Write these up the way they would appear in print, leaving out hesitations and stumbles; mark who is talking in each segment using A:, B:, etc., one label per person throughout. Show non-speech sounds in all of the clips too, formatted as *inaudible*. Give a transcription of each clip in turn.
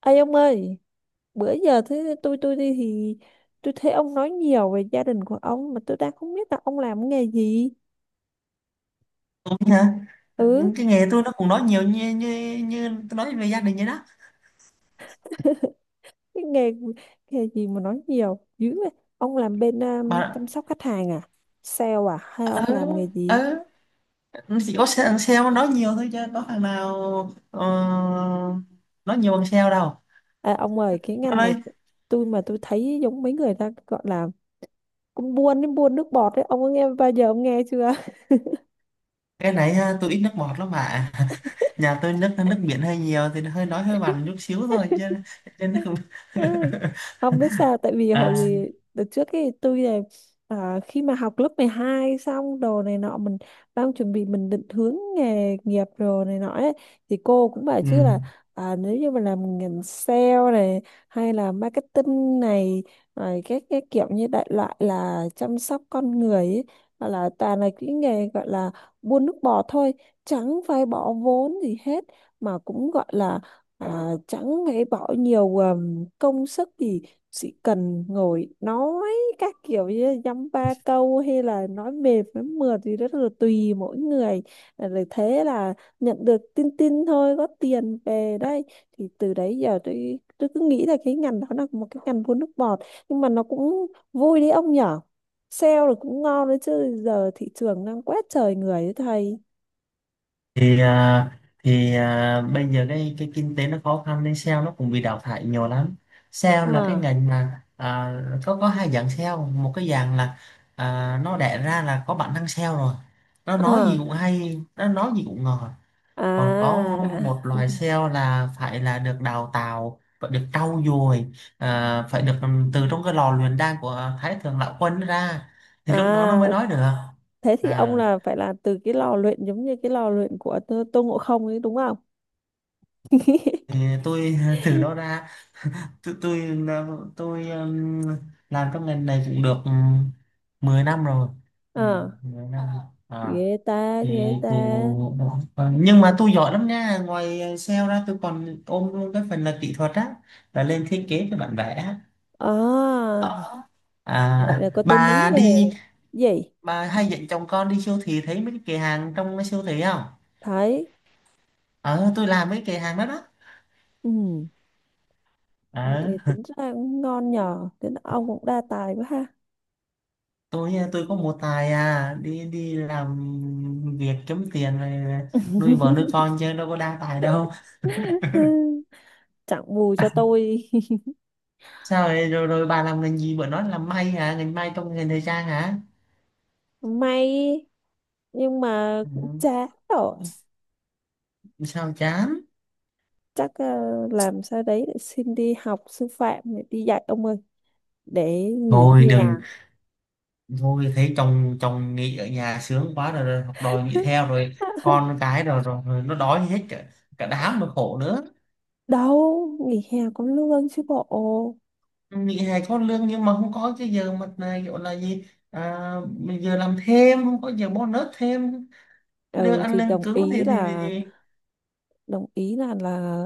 A: Ê ông ơi, bữa giờ thế tôi đi thì tôi thấy ông nói nhiều về gia đình của ông mà tôi đang không biết là ông làm nghề gì.
B: Đúng hả?
A: Ừ,
B: Những cái nghề tôi nó cũng nói nhiều như như như tôi nói về gia đình vậy đó.
A: cái nghề nghề gì mà nói nhiều dữ vậy. Ông làm bên
B: Mà
A: chăm sóc khách hàng à? Sale à? Hay
B: ừ
A: ông làm nghề
B: ừ
A: gì?
B: chỉ có thằng sale nó nói nhiều thôi chứ có thằng nào ờ, nói nhiều bằng sale đâu.
A: À, ông ơi, cái
B: Nó
A: ngành này
B: nói
A: của tôi mà tôi thấy giống mấy người ta gọi là cũng buôn đến buôn nước bọt đấy. Ông có nghe bao giờ ông nghe chưa?
B: cái này ha, tôi ít nước bọt lắm mà *laughs* nhà tôi nước nước biển hơi nhiều thì hơi nói hơi mặn chút xíu thôi chứ chứ nó không *laughs*
A: *laughs* Không biết sao, tại vì hồi
B: à
A: gì đợt trước cái tôi là khi mà học lớp 12 xong đồ này nọ, mình đang chuẩn bị mình định hướng nghề nghiệp rồi này nọ ấy, thì cô cũng bảo
B: ừ.
A: chứ là nếu như mà làm ngành sale này hay là marketing này rồi các cái kiểu như đại loại là chăm sóc con người ấy, hoặc là toàn là cái nghề gọi là buôn nước bọt thôi, chẳng phải bỏ vốn gì hết, mà cũng gọi là chẳng phải bỏ nhiều công sức gì, chỉ cần ngồi nói các kiểu như dăm ba câu, hay là nói mệt nói mượt thì rất là tùy mỗi người. Rồi thế là nhận được tin tin thôi, có tiền về đây. Thì từ đấy giờ tôi cứ nghĩ là cái ngành đó là một cái ngành vua nước bọt, nhưng mà nó cũng vui đấy ông nhở. Sale là cũng ngon đấy chứ, giờ thị trường đang quét trời người đấy thầy.
B: Bây giờ cái kinh tế nó khó khăn nên sale nó cũng bị đào thải nhiều lắm. Sale là cái
A: à
B: ngành mà có hai dạng sale, một cái dạng là nó đẻ ra là có bản năng sale rồi, nó nói gì
A: à
B: cũng hay, nó nói gì cũng ngọt. Còn có
A: à
B: một loài
A: *laughs*
B: sale là phải là được đào tạo, phải được trau dồi, phải được từ trong cái lò luyện đan của Thái Thượng Lão Quân ra thì lúc đó nó mới
A: à
B: nói được.
A: Thế thì ông
B: à,
A: là phải là từ cái lò luyện giống như cái lò luyện của Tô Ngộ Không ấy đúng không?
B: thì tôi *laughs* từ đó
A: *laughs*
B: ra. tôi tôi là- tôi làm trong ngành này cũng được 10 năm rồi. Ừ,
A: À,
B: 10 Ờ, năm à.
A: ghê ta,
B: Thì,
A: ghê ta.
B: thì Ờ, nhưng mà tôi giỏi lắm nha, ngoài ờ, sale ra tôi còn ôm luôn cái phần là kỹ thuật á, là lên thiết kế cho bản vẽ á.
A: À, vậy
B: À,
A: là có tới mấy
B: bà
A: nghề.
B: đi,
A: Gì?
B: bà hay dẫn chồng con đi siêu thị thấy mấy cái kệ hàng trong cái siêu thị không?
A: Thấy.
B: Ờ, tôi làm mấy kệ hàng đó đó.
A: Ừ, vậy
B: Ờ,
A: thì tính ra cũng ngon nhờ. Thế là ông cũng đa tài quá ha.
B: tôi à, tôi có một tài à, đi đi làm việc kiếm tiền rồi nuôi vợ nuôi con chứ đâu có đa tài đâu.
A: *laughs* Ừ, chẳng bù cho tôi. *laughs*
B: Sao vậy? Rồi rồi bà làm ngành gì, bữa nói làm may hả, ngành may trong ngành thời trang hả?
A: May, nhưng mà cũng
B: Ừ.
A: chán rồi.
B: Sao chán?
A: Chắc làm sao đấy để xin đi học sư phạm, để đi dạy ông ơi. Để nghỉ
B: Thôi đừng, thôi thấy chồng chồng nghỉ ở nhà sướng quá rồi, rồi học đòi nghỉ
A: hè.
B: theo rồi con cái rồi nó đói hết cả, cả đám mà khổ nữa.
A: Đâu nghỉ hè có lương chứ bộ.
B: Nghỉ hè có lương nhưng mà không có cái giờ mà này gọi là gì, à, giờ làm thêm, không có giờ bonus thêm. Lương
A: Ừ
B: ăn
A: thì
B: lương
A: đồng
B: cứng thì
A: ý
B: thì, thì,
A: là,
B: thì.
A: đồng ý là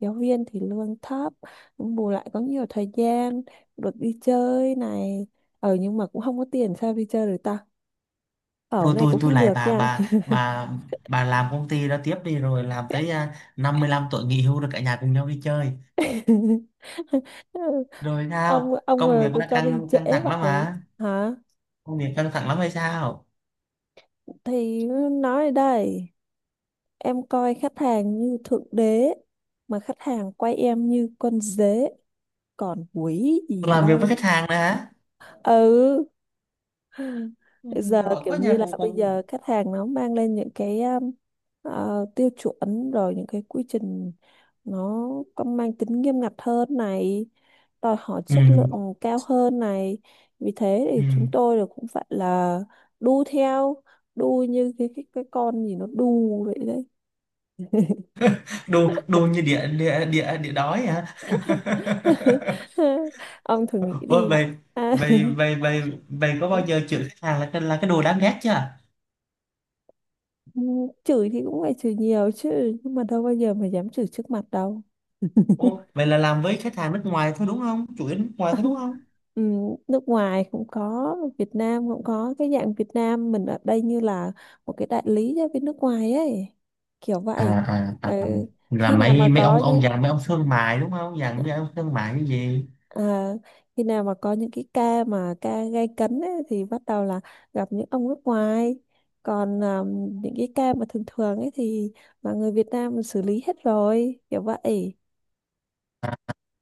A: giáo viên thì lương thấp, nhưng bù lại có nhiều thời gian, được đi chơi này. Ờ, nhưng mà cũng không có tiền sao đi chơi được ta, ở
B: Thôi
A: này
B: tôi
A: cũng
B: tôi
A: không
B: lại
A: được
B: bà
A: nha.
B: bà bà bà làm công ty đó tiếp đi, rồi làm tới à, 55 tuổi nghỉ hưu rồi cả nhà cùng nhau đi chơi.
A: *laughs*
B: Rồi
A: ông
B: sao,
A: ông
B: công việc
A: ờ, cứ
B: đã
A: cho đi
B: căng
A: trễ
B: căng thẳng lắm
A: vậy
B: à?
A: hả?
B: Công việc căng thẳng lắm hay sao?
A: Thì nói đây, em coi khách hàng như thượng đế, mà khách hàng quay em như con dế, còn quỷ gì
B: Làm việc với
A: đâu.
B: khách hàng nữa hả?
A: Ừ,
B: Ừ,
A: giờ
B: giỏi
A: kiểu
B: quá
A: như
B: nhà
A: là
B: cùng
A: bây giờ
B: cùng
A: khách hàng nó mang lên những cái ờ, tiêu chuẩn, rồi những cái quy trình nó có mang tính nghiêm ngặt hơn này, đòi hỏi
B: Ừ,
A: chất lượng cao hơn này, vì thế thì
B: ừ.
A: chúng tôi là cũng phải là đu theo, đu như cái con gì nó đu vậy đấy.
B: đồ đồ như địa địa địa địa đói hả?
A: *laughs* Ông thử nghĩ
B: *laughs* Ôi
A: đi
B: vậy,
A: à. *laughs*
B: vậy vậy có bao giờ chửi khách hàng là cái đồ đáng ghét chưa?
A: Ừ, chửi thì cũng phải chửi nhiều chứ, nhưng mà đâu bao giờ mà dám chửi trước mặt đâu.
B: Ồ, vậy là làm với khách hàng nước ngoài thôi đúng không? Chủ yếu nước ngoài thôi đúng
A: *laughs*
B: không?
A: Ừ, nước ngoài cũng có, Việt Nam cũng có, cái dạng Việt Nam mình ở đây như là một cái đại lý cho bên nước ngoài ấy, kiểu
B: à,
A: vậy.
B: à,
A: Ừ,
B: à, à. Là
A: khi nào mà
B: mấy mấy
A: có
B: ông
A: những-
B: ông già, mấy ông thương mại đúng không, dạng như ông thương mại cái gì?
A: À, khi nào mà có những cái ca mà ca gay cấn ấy, thì bắt đầu là gặp những ông nước ngoài, còn những cái ca mà thường thường ấy thì là người Việt Nam xử lý hết rồi, kiểu vậy.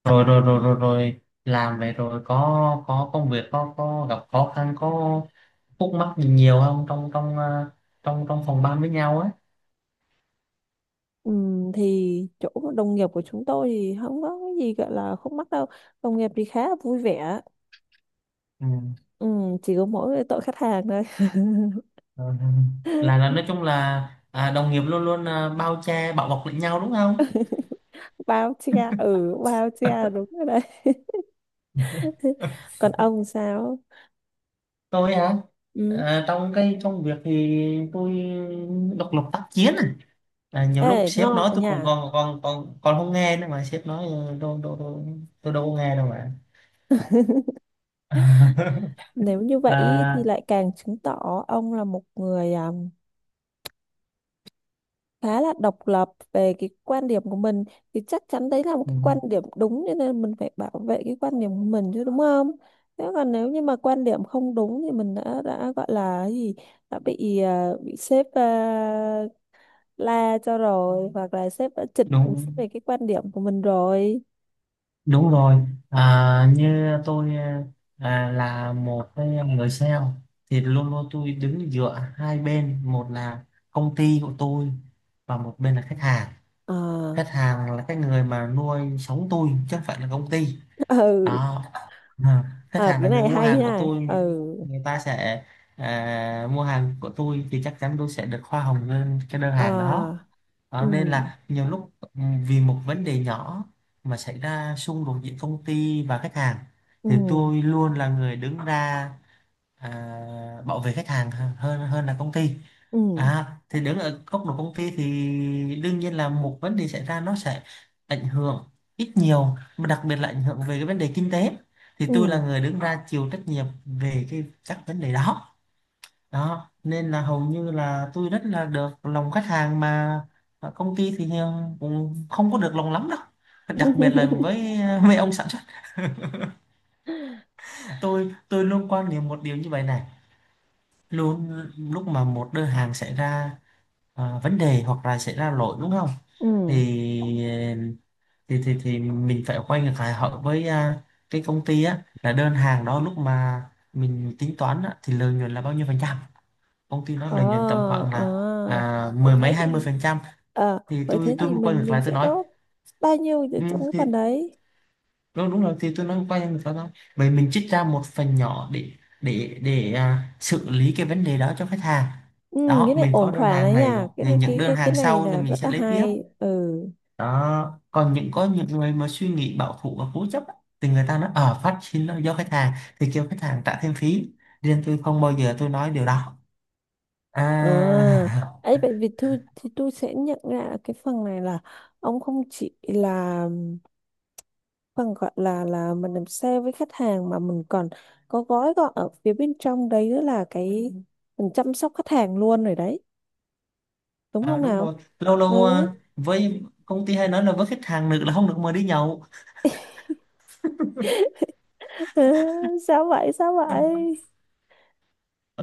B: Rồi rồi rồi rồi rồi làm vậy rồi có công việc có gặp khó khăn có khúc mắc gì nhiều không trong trong ờ, trong trong phòng ban với nhau á?
A: Ừ, thì chỗ đồng nghiệp của chúng tôi thì không có cái gì gọi là khúc mắc đâu, đồng nghiệp thì khá là vui vẻ.
B: Ừ.
A: Ừ, chỉ có mỗi cái tội khách hàng thôi. *laughs*
B: Ờ, ừ. Là nói chung là à, đồng nghiệp luôn luôn à, bao che bảo bọc lẫn nhau đúng không?
A: Bao che, ừ, bao che đúng rồi đấy. *laughs* Còn ông sao?
B: Tôi hả?
A: Ừ.
B: À, trong cái công việc thì tôi độc lập tác chiến à? À, nhiều
A: Ê
B: lúc sếp
A: ngon
B: nói
A: à
B: tôi
A: nhỉ.
B: còn còn còn còn còn không nghe nữa, mà sếp nói "Ừ, đâu đâu đâu tôi đâu có nghe đâu mà". *laughs*
A: Nếu như vậy ý, thì
B: À,
A: lại càng chứng tỏ ông là một người khá là độc lập về cái quan điểm của mình. Thì chắc chắn đấy là một
B: ừ,
A: cái quan điểm đúng, cho nên mình phải bảo vệ cái quan điểm của mình chứ, đúng không? Thế còn nếu như mà quan điểm không đúng thì mình đã gọi là cái gì, đã bị bị sếp la cho rồi, hoặc là sếp đã chỉnh
B: đúng
A: về cái quan điểm của mình rồi.
B: đúng rồi. À, như tôi à, là một cái người sale thì luôn luôn tôi đứng giữa hai bên, một là công ty của tôi và một bên là khách hàng.
A: Ờ.
B: Khách hàng là cái người mà nuôi sống tôi chứ không phải là công ty
A: *laughs* Ừ.
B: đó. À, khách
A: Ờ,
B: hàng là
A: cái
B: người
A: này
B: mua
A: hay
B: hàng của
A: nha. Ừ.
B: tôi. Người ta sẽ à, mua hàng của tôi thì chắc chắn tôi sẽ được hoa hồng lên cái đơn
A: Ờ.
B: hàng đó.
A: Ừ.
B: Đó, nên là nhiều lúc vì một vấn đề nhỏ mà xảy ra xung đột giữa công ty và khách hàng thì
A: Ừ.
B: tôi luôn là người đứng ra à, bảo vệ khách hàng hơn hơn là công ty.
A: Ừ.
B: À, thì đứng ở góc độ công ty thì đương nhiên là một vấn đề xảy ra nó sẽ ảnh hưởng ít nhiều, mà đặc biệt là ảnh hưởng về cái vấn đề kinh tế, thì tôi là
A: Ừ.
B: người đứng ra chịu trách nhiệm về cái các vấn đề đó. Đó nên là hầu như là tôi rất là được lòng khách hàng, mà công ty thì cũng không có được lòng lắm đâu, đặc biệt là
A: *laughs*
B: với *laughs* mấy ông sản xuất. Tôi luôn quan niệm một điều như vậy này, luôn lúc mà một đơn hàng xảy ra à, vấn đề hoặc là xảy ra lỗi đúng không,
A: Ừ.
B: thì thì mình phải quay ngược lại hỏi với à, cái công ty á là đơn hàng đó lúc mà mình tính toán á, thì lợi nhuận là bao nhiêu phần trăm, công ty nó
A: Ờ.
B: lợi nhuận tầm khoảng là
A: Ờ,
B: à,
A: vậy
B: mười mấy
A: thế
B: hai mươi
A: thì.
B: phần trăm,
A: Ờ,
B: thì
A: vậy thế
B: tôi
A: thì
B: quay ngược
A: mình
B: lại tôi
A: sẽ
B: nói
A: có bao nhiêu ở
B: ừ,
A: trong cái
B: thì
A: phần đấy.
B: đúng rồi, thì tôi nói quay ngược lại thôi, vậy mình trích ra một phần nhỏ để để à, xử lý cái vấn đề đó cho khách hàng.
A: Ừ,
B: Đó,
A: cái này
B: mình
A: ổn
B: có đơn
A: thỏa đấy
B: hàng này
A: nha, cái
B: thì
A: này
B: những
A: cái
B: đơn
A: cái cái
B: hàng
A: này
B: sau thì
A: là rất
B: mình sẽ
A: là
B: lấy tiếp.
A: hay. Ừ.
B: Đó còn những có những người mà suy nghĩ bảo thủ và cố chấp á, thì người ta nói ở phát sinh là do khách hàng thì kêu khách hàng trả thêm phí, riêng tôi không bao giờ tôi nói điều đó,
A: Ờ.
B: à,
A: Ấy vậy thì tôi, thì tôi sẽ nhận ra cái phần này là ông không chỉ là phần gọi là mình làm sale với khách hàng, mà mình còn có gói gọn ở phía bên trong đấy nữa, là cái mình chăm sóc khách hàng luôn rồi đấy,
B: *laughs*
A: đúng
B: à
A: không
B: đúng
A: nào?
B: rồi. Lâu lâu
A: Ừ.
B: à, với công ty hay nói là với khách hàng nữ là không được mời đi nhậu.
A: *laughs* Ừ, sao vậy sao vậy?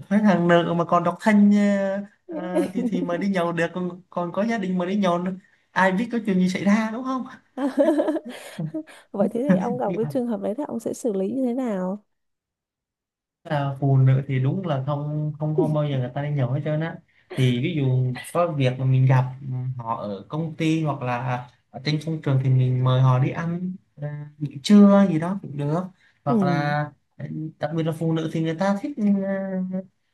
B: Khách hàng nữ mà còn độc thân à, à, thì mời đi
A: *laughs*
B: nhậu được, còn còn có gia đình mời đi nhậu nữa. Ai biết có chuyện gì xảy ra đúng không?
A: Vậy thế thì ông gặp cái trường hợp đấy thì ông sẽ xử lý như thế nào?
B: Là phụ nữ thì đúng là không không không bao giờ người ta đi nhậu hết trơn á. Thì ví dụ có việc mà mình gặp họ ở công ty hoặc là ở trên công trường thì mình mời họ đi ăn ờ, nghỉ trưa gì đó cũng được, hoặc
A: Ừ.
B: là ờ, đặc biệt là phụ nữ thì người ta thích ờ,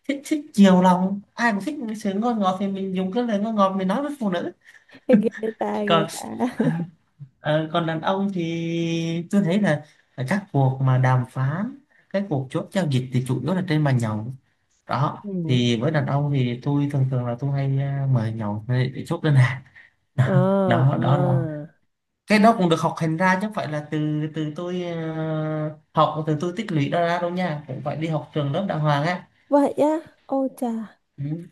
B: thích thích chiều lòng, ai cũng thích cái sự ngon ngọt thì mình dùng cái lời ngon ngọt mình nói với phụ nữ.
A: *laughs* Ghê ta, ghê
B: Còn
A: ta.
B: ờ, còn đàn ông thì tôi thấy là ờ, các cuộc mà đàm phán, cái cuộc chốt giao dịch thì chủ yếu là trên bàn nhậu. Đó
A: Ừ.
B: thì với đàn ông thì tôi thường thường là tôi hay à, mời nhậu để chốt đơn hàng. *laughs* Đó,
A: Ờ.
B: đó
A: Ờ,
B: đó là cái đó cũng được học hành ra, chứ không phải là từ từ tôi à, học từ tôi tích lũy đó ra đâu nha, cũng phải đi học trường lớp đàng hoàng á.
A: vậy á? Ôi chà.
B: Ừ.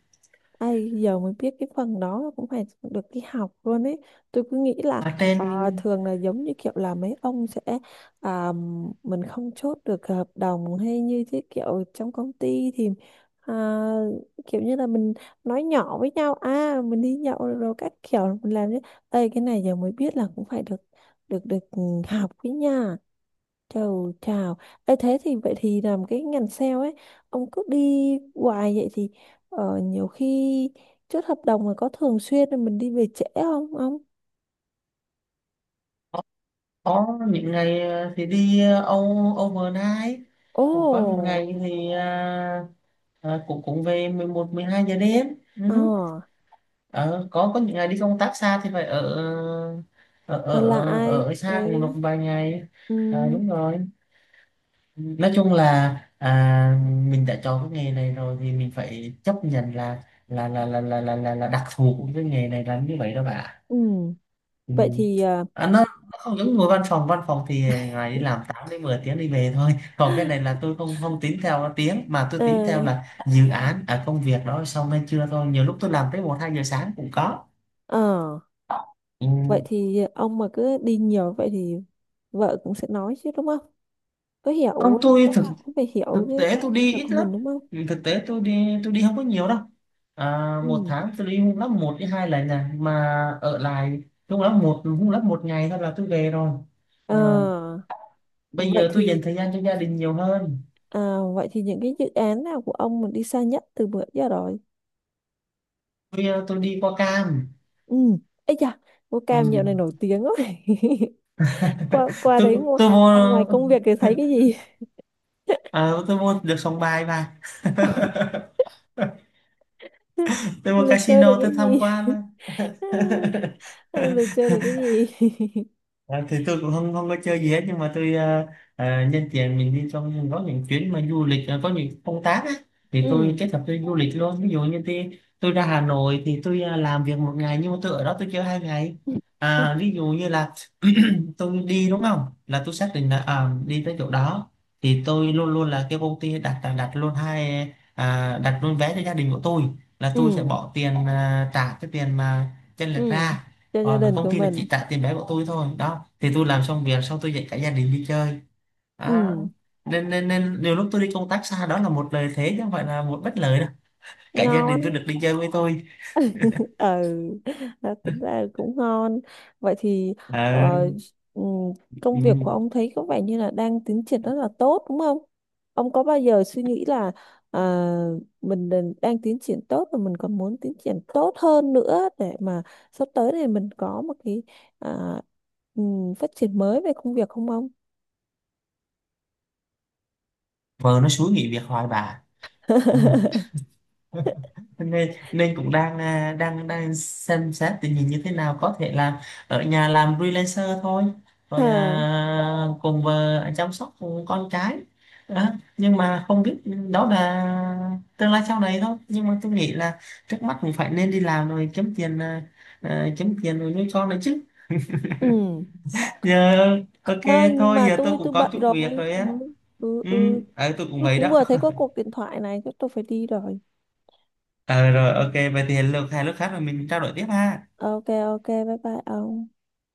A: Ai giờ mới biết cái phần đó cũng phải được đi học luôn ấy. Tôi cứ nghĩ là
B: Ở trên
A: ờ, thường là giống như kiểu là mấy ông sẽ à, mình không chốt được hợp đồng hay như thế kiểu trong công ty thì à, kiểu như là mình nói nhỏ với nhau à, mình đi nhậu rồi các kiểu mình làm thế. Ê cái này giờ mới biết là cũng phải được được được ừ, học với nha. Chào chào. Ê, thế thì vậy thì làm cái ngành sale ấy, ông cứ đi hoài vậy thì nhiều khi chốt hợp đồng mà có thường xuyên là mình đi về trễ không ông?
B: có những ngày à, thì đi à, âu overnight, cũng có những
A: Ồ.
B: ngày thì à, à, cũng cũng về mười một mười hai giờ đêm. Ừ.
A: Ờ,
B: Ờ, có những ngày đi công tác xa thì phải ở ở ở,
A: là
B: ở,
A: ai?
B: ở xa cùng được
A: Đấy.
B: vài ngày.
A: Ừ,
B: À, đúng rồi, nói chung là à, mình đã chọn cái nghề này rồi thì mình phải chấp nhận là là đặc thù của cái nghề này là như vậy đó bà.
A: ừ.
B: Ừ.
A: Vậy thì ờ.
B: À, nó không giống ngồi văn phòng, văn phòng thì ngày đi làm 8 đến 10 tiếng đi về thôi, còn cái này là tôi không không tính theo tiếng mà tôi
A: Ờ,
B: tính theo là dự án ở công việc đó xong hay chưa thôi, nhiều lúc tôi làm tới một hai giờ sáng cũng có.
A: ờ,
B: Ừ.
A: vậy thì ông mà cứ đi nhiều vậy thì vợ cũng sẽ nói chứ, đúng không? Có
B: Không,
A: hiểu
B: tôi
A: chắc
B: thực
A: là cũng phải hiểu
B: thực
A: với
B: tế
A: trong
B: tôi
A: công
B: đi
A: việc
B: ít
A: của
B: lắm.
A: mình đúng không?
B: Ừ, thực tế tôi đi không có nhiều đâu. À, một
A: Ừ.
B: tháng tôi đi hung lắm một đến hai lần này mà ở lại, hung lắm một ngày thôi là tôi về rồi.
A: Ờ,
B: À, bây
A: vậy
B: giờ tôi
A: thì.
B: dành thời gian cho gia đình nhiều hơn.
A: À, vậy thì những cái dự án nào của ông mà đi xa nhất từ bữa giờ rồi?
B: Tôi ờ, tôi đi qua Cam.
A: Ừ. Ây da, ngô
B: Ừ.
A: cam dạo này nổi tiếng quá. *laughs* Qua
B: *laughs*
A: qua đấy ngo-
B: Tôi mua
A: ngoài công việc thì thấy cái gì?
B: À, tôi mua được sòng bài mà. *laughs*
A: *laughs*
B: Tôi mua
A: Là chơi được
B: casino
A: cái
B: tôi tham
A: gì? *laughs*
B: quan.
A: Là
B: *laughs*
A: chơi được cái gì? *laughs*
B: À, thì tôi cũng không không có chơi gì hết, nhưng mà tôi à, à, nhân tiện mình đi trong có những chuyến mà du lịch à, có những công tác á thì tôi
A: Ừ.
B: kết hợp tôi du lịch luôn. Ví dụ như tôi ra Hà Nội thì tôi à, làm việc một ngày nhưng mà tôi ở đó tôi chơi hai ngày.
A: *laughs*
B: À, ví dụ như là *clears throat* tôi đi, đúng không, là tôi xác định là à, đi tới chỗ đó thì tôi luôn luôn là cái công ty đặt đặt, đặt luôn hai à, đặt luôn vé cho gia đình của tôi, là tôi sẽ
A: Ừ.
B: bỏ tiền à, trả cái tiền mà chênh lệch
A: Ừ.
B: ra,
A: Cho gia
B: còn
A: đình
B: công
A: của
B: ty là
A: mình.
B: chỉ trả tiền vé của tôi thôi. Đó thì tôi làm xong việc xong tôi dạy cả gia đình đi chơi. Đó.
A: Ừ.
B: Nên nên nên nhiều lúc tôi đi công tác xa đó là một lợi thế chứ không phải là một bất lợi đâu, cả gia đình
A: Ngon.
B: tôi được đi chơi với tôi.
A: Ừ, đó, tính ra cũng ngon. Vậy thì
B: Ờ,
A: ờ, ừm, công việc của
B: ừ.
A: ông thấy có vẻ như là đang tiến triển rất là tốt đúng không? Ông có bao giờ suy nghĩ là ờ, mình đang đang tiến triển tốt và mình còn muốn tiến triển tốt hơn nữa để mà sắp tới này mình có một cái à, phát triển mới về công việc không ông?
B: Vợ nó xúi nghỉ việc hoài bà.
A: *laughs*
B: *laughs* nên nên cũng đang à, đang đang xem xét tình hình như thế nào, có thể là ở nhà làm freelancer thôi, rồi à,
A: Ờ,
B: cùng vợ chăm sóc con cái. Đó. Nhưng mà không biết, đó là tương lai sau này thôi, nhưng mà tôi nghĩ là trước mắt cũng phải nên đi làm rồi kiếm tiền à, à, kiếm tiền rồi nuôi con nữa chứ
A: ừ.
B: giờ. Ok
A: Đó, nhưng
B: thôi,
A: mà
B: giờ tôi
A: tôi
B: cũng
A: tôi
B: có
A: bận
B: chút
A: rồi.
B: việc rồi á.
A: Ừ, ừ,
B: Ừ,
A: ừ.
B: ờ, tôi cũng
A: Tôi
B: vậy
A: cũng
B: đó.
A: vừa thấy có cuộc điện thoại này, chắc tôi phải đi rồi.
B: Ờ rồi ok, vậy thì hẹn lượt hai lúc khác rồi mình trao đổi tiếp ha.
A: Ok, ok, bye bye ông.